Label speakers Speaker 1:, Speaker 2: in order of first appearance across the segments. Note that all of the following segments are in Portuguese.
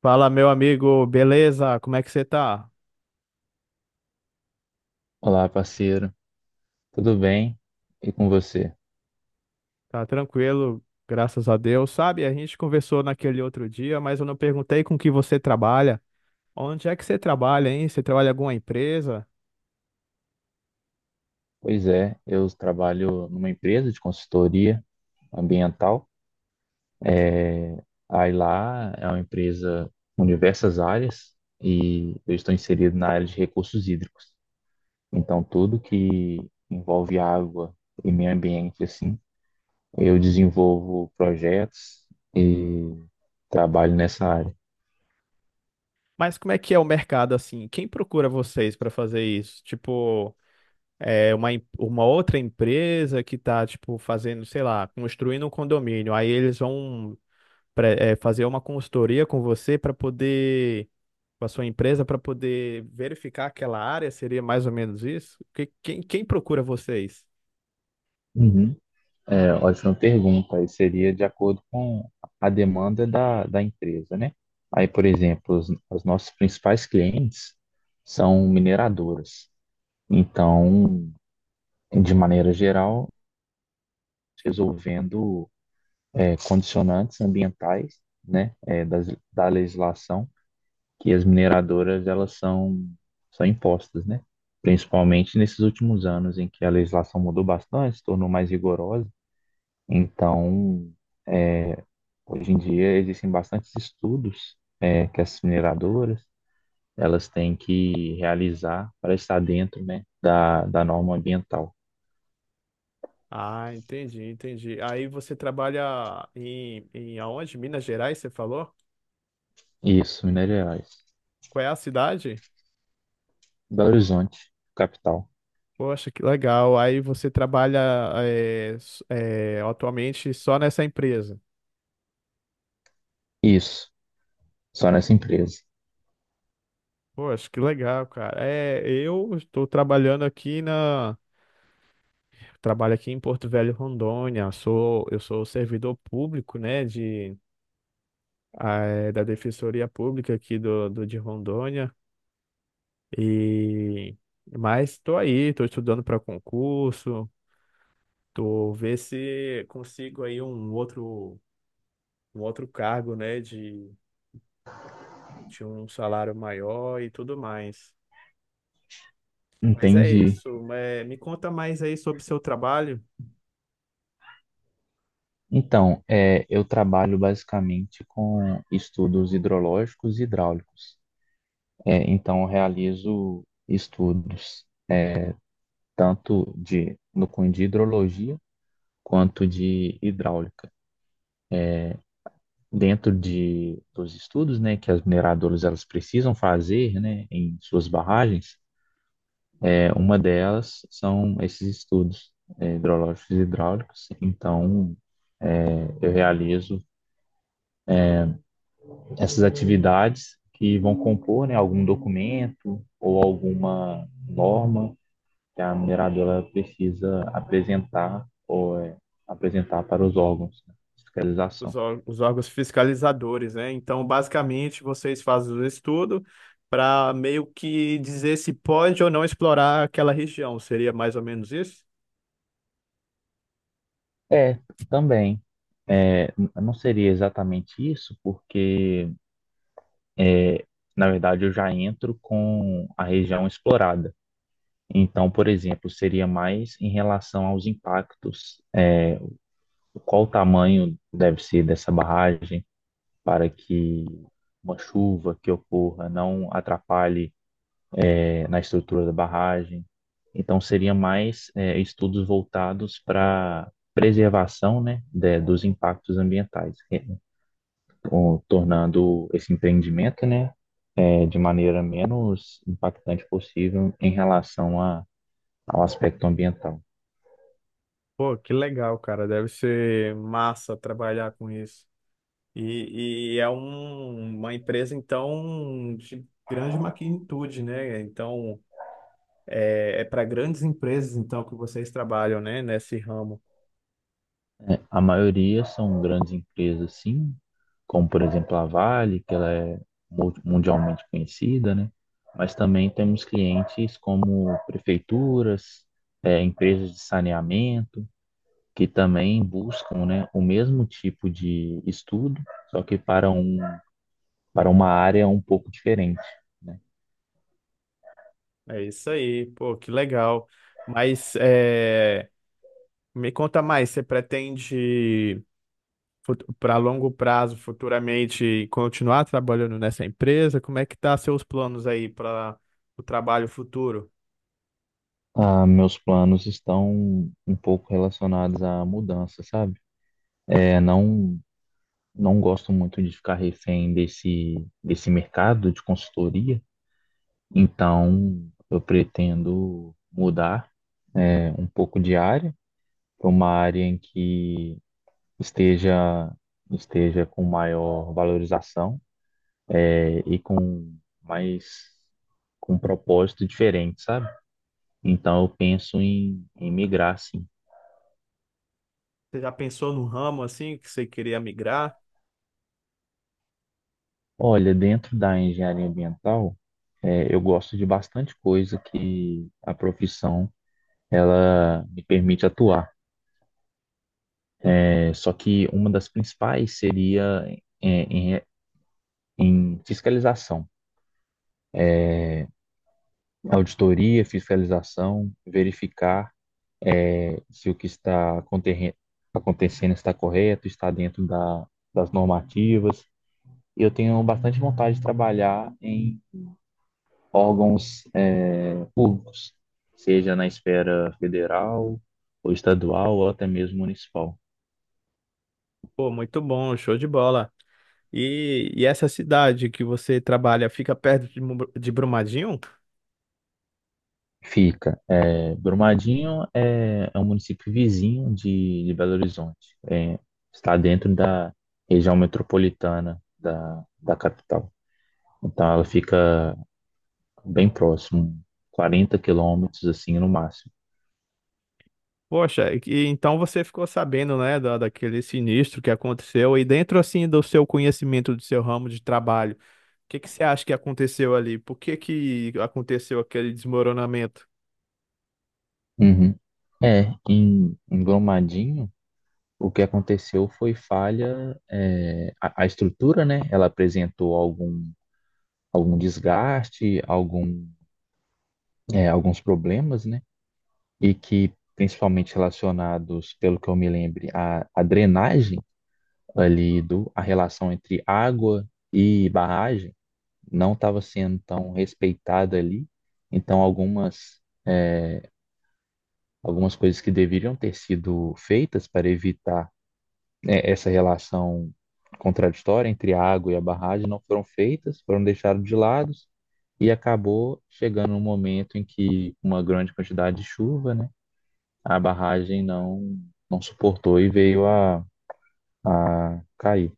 Speaker 1: Fala, meu amigo, beleza? Como é que você tá?
Speaker 2: Olá, parceiro. Tudo bem? E com você?
Speaker 1: Tá tranquilo, graças a Deus. Sabe, a gente conversou naquele outro dia, mas eu não perguntei com que você trabalha. Onde é que você trabalha, hein? Você trabalha em alguma empresa?
Speaker 2: Pois é, eu trabalho numa empresa de consultoria ambiental. É, aí lá é uma empresa com diversas áreas e eu estou inserido na área de recursos hídricos. Então, tudo que envolve água e meio ambiente, assim, eu desenvolvo projetos e trabalho nessa área.
Speaker 1: Mas como é que é o mercado assim? Quem procura vocês para fazer isso? Tipo, é uma outra empresa que tá, tipo, fazendo, sei lá, construindo um condomínio. Aí eles vão fazer uma consultoria com você para poder com a sua empresa para poder verificar aquela área? Seria mais ou menos isso? Quem, quem procura vocês?
Speaker 2: Uhum. É, ótima pergunta. Aí seria de acordo com a demanda da, da empresa, né? Aí, por exemplo, os nossos principais clientes são mineradoras. Então, de maneira geral, resolvendo condicionantes ambientais, né, da legislação que as mineradoras elas são impostas, né? Principalmente nesses últimos anos em que a legislação mudou bastante, se tornou mais rigorosa. Então, hoje em dia existem bastantes estudos que as mineradoras elas têm que realizar para estar dentro, né, da norma ambiental.
Speaker 1: Ah, entendi, entendi. Aí você trabalha em aonde? Minas Gerais, você falou?
Speaker 2: Isso, minerais.
Speaker 1: Qual é a cidade?
Speaker 2: Belo Horizonte, capital.
Speaker 1: Poxa, que legal. Aí você trabalha atualmente só nessa empresa.
Speaker 2: Isso, só nessa empresa.
Speaker 1: Poxa, que legal, cara. É, eu estou trabalhando aqui na. Trabalho aqui em Porto Velho, Rondônia. Sou, eu sou servidor público, né, de da Defensoria Pública aqui do, do de Rondônia. E mas tô aí, tô estudando para concurso, tô ver se consigo aí um outro cargo, né, de um salário maior e tudo mais. Mas é
Speaker 2: Entendi.
Speaker 1: isso, é, me conta mais aí sobre o seu trabalho,
Speaker 2: Então, eu trabalho basicamente com estudos hidrológicos e hidráulicos. É, então, eu realizo estudos tanto de no cunho de hidrologia quanto de hidráulica. Dentro dos estudos, né, que as mineradoras elas precisam fazer, né, em suas barragens, uma delas são esses estudos hidrológicos e hidráulicos. Então, eu realizo essas atividades que vão compor, né, algum documento ou alguma norma que a mineradora precisa apresentar ou apresentar para os órgãos, né, de
Speaker 1: os,
Speaker 2: fiscalização.
Speaker 1: os órgãos fiscalizadores, né? Então, basicamente, vocês fazem o estudo para meio que dizer se pode ou não explorar aquela região. Seria mais ou menos isso?
Speaker 2: É, também. É, não seria exatamente isso, porque, na verdade, eu já entro com a região explorada. Então, por exemplo, seria mais em relação aos impactos, né? Qual o tamanho deve ser dessa barragem para que uma chuva que ocorra não atrapalhe na estrutura da barragem. Então, seria mais estudos voltados para preservação, né, dos impactos ambientais, tornando esse empreendimento, né, de maneira menos impactante possível em relação ao aspecto ambiental.
Speaker 1: Pô, que legal, cara. Deve ser massa trabalhar com isso. E, e, é uma empresa, então, de grande magnitude, né? Então, é, é para grandes empresas, então, que vocês trabalham, né? Nesse ramo.
Speaker 2: Né. A maioria são grandes empresas, sim, como por exemplo a Vale, que ela é mundialmente conhecida, né? Mas também temos clientes como prefeituras, empresas de saneamento, que também buscam, né, o mesmo tipo de estudo, só que para uma área um pouco diferente. Né.
Speaker 1: É isso aí. Pô, que legal. Mas é, me conta mais, você pretende, para longo prazo, futuramente, continuar trabalhando nessa empresa? Como é que tá seus planos aí para o trabalho futuro?
Speaker 2: Ah, meus planos estão um pouco relacionados à mudança, sabe? Não, não gosto muito de ficar refém desse mercado de consultoria, então eu pretendo mudar um pouco de área para uma área em que esteja, esteja com maior valorização, e com mais, com um propósito diferente, sabe? Então eu penso em migrar, sim.
Speaker 1: Você já pensou no ramo assim que você queria migrar?
Speaker 2: Olha, dentro da engenharia ambiental, eu gosto de bastante coisa que a profissão ela me permite atuar. Só que uma das principais seria em, em- em fiscalização, auditoria, fiscalização, verificar se o que está acontecendo está correto, está dentro das normativas. Eu tenho bastante vontade de trabalhar órgãos públicos, seja na esfera federal ou estadual ou até mesmo municipal.
Speaker 1: Pô, muito bom, show de bola. E essa cidade que você trabalha fica perto de, de Brumadinho?
Speaker 2: Fica. Brumadinho é um município vizinho de Belo Horizonte. Está dentro da região metropolitana da capital. Então ela fica bem próximo, 40 quilômetros assim no máximo.
Speaker 1: Poxa, e, então você ficou sabendo, né, da, daquele sinistro que aconteceu. E dentro assim do seu conhecimento do seu ramo de trabalho, o que que você acha que aconteceu ali? Por que que aconteceu aquele desmoronamento?
Speaker 2: Uhum. É, em, em Brumadinho. O que aconteceu foi falha, a estrutura, né? Ela apresentou algum desgaste, algum, alguns problemas, né? E que, principalmente relacionados, pelo que eu me lembro, à drenagem ali, a relação entre água e barragem não estava sendo tão respeitada ali. Então, é, algumas coisas que deveriam ter sido feitas para evitar essa relação contraditória entre a água e a barragem não foram feitas, foram deixadas de lado e acabou chegando um momento em que uma grande quantidade de chuva, né, a barragem não suportou e veio a cair.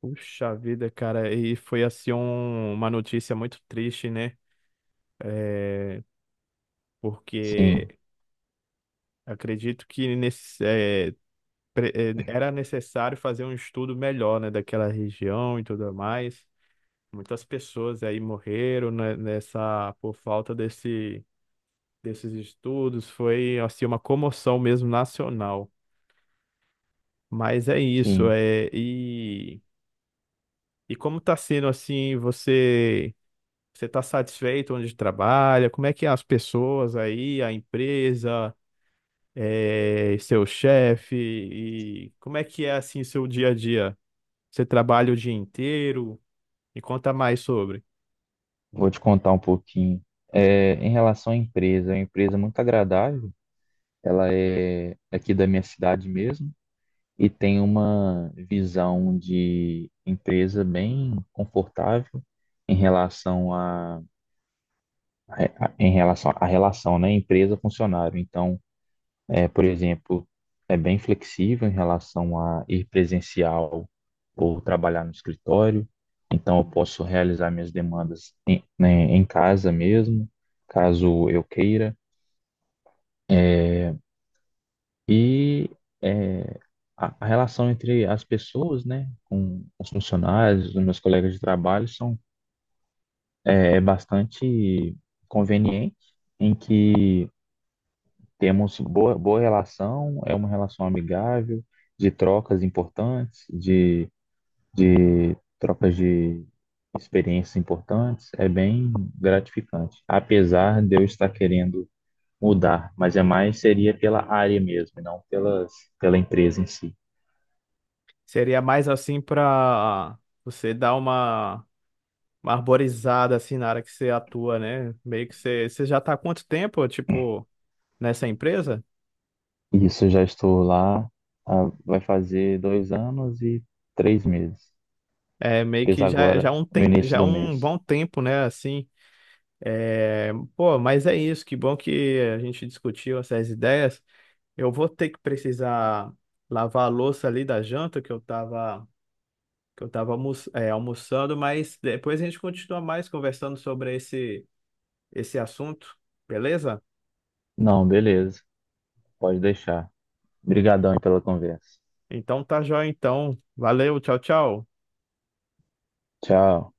Speaker 1: Puxa vida, cara, e foi assim uma notícia muito triste, né? É,
Speaker 2: Sim,
Speaker 1: porque acredito que nesse, eh, pre- eh, era necessário fazer um estudo melhor, né, daquela região e tudo mais. Muitas pessoas aí morreram, né, nessa por falta desse, desses estudos. Foi assim uma comoção mesmo nacional. Mas é isso,
Speaker 2: sim.
Speaker 1: é e como está sendo assim, você você está satisfeito onde trabalha? Como é que é as pessoas aí, a empresa? É, seu chefe e como é que é assim seu dia a dia? Você trabalha o dia inteiro? Me conta mais sobre.
Speaker 2: Vou te contar um pouquinho. Em relação à empresa, é uma empresa muito agradável. Ela é aqui da minha cidade mesmo. E tem uma visão de empresa bem confortável em relação a, em relação à relação, né, empresa-funcionário. Então, por exemplo, é bem flexível em relação a ir presencial ou trabalhar no escritório. Então, eu posso realizar minhas demandas né, em casa mesmo, caso eu queira. É, E é, a, a relação entre as pessoas, né, com os funcionários, os meus colegas de trabalho, são bastante conveniente, em que temos boa relação, é uma relação amigável, de trocas importantes, de trocas de experiências importantes, é bem gratificante. Apesar de eu estar querendo mudar, mas é mais seria pela área mesmo, e não pela empresa em si.
Speaker 1: Seria mais assim para você dar uma arborizada assim na área que você atua, né? Meio que você, você já tá há quanto tempo, tipo, nessa empresa?
Speaker 2: Isso, já estou lá. Ah, vai fazer 2 anos e 3 meses.
Speaker 1: É meio
Speaker 2: Fiz
Speaker 1: que já
Speaker 2: agora,
Speaker 1: já um
Speaker 2: no
Speaker 1: tem,
Speaker 2: início
Speaker 1: já
Speaker 2: do
Speaker 1: um
Speaker 2: mês.
Speaker 1: bom tempo, né, assim. É, pô, mas é isso, que bom que a gente discutiu essas ideias. Eu vou ter que precisar lavar a louça ali da janta que eu tava almoçando, mas depois a gente continua mais conversando sobre esse, esse assunto, beleza?
Speaker 2: Não, beleza. Pode deixar. Obrigadão aí pela conversa.
Speaker 1: Então tá joia, então. Valeu, tchau, tchau.
Speaker 2: Tchau.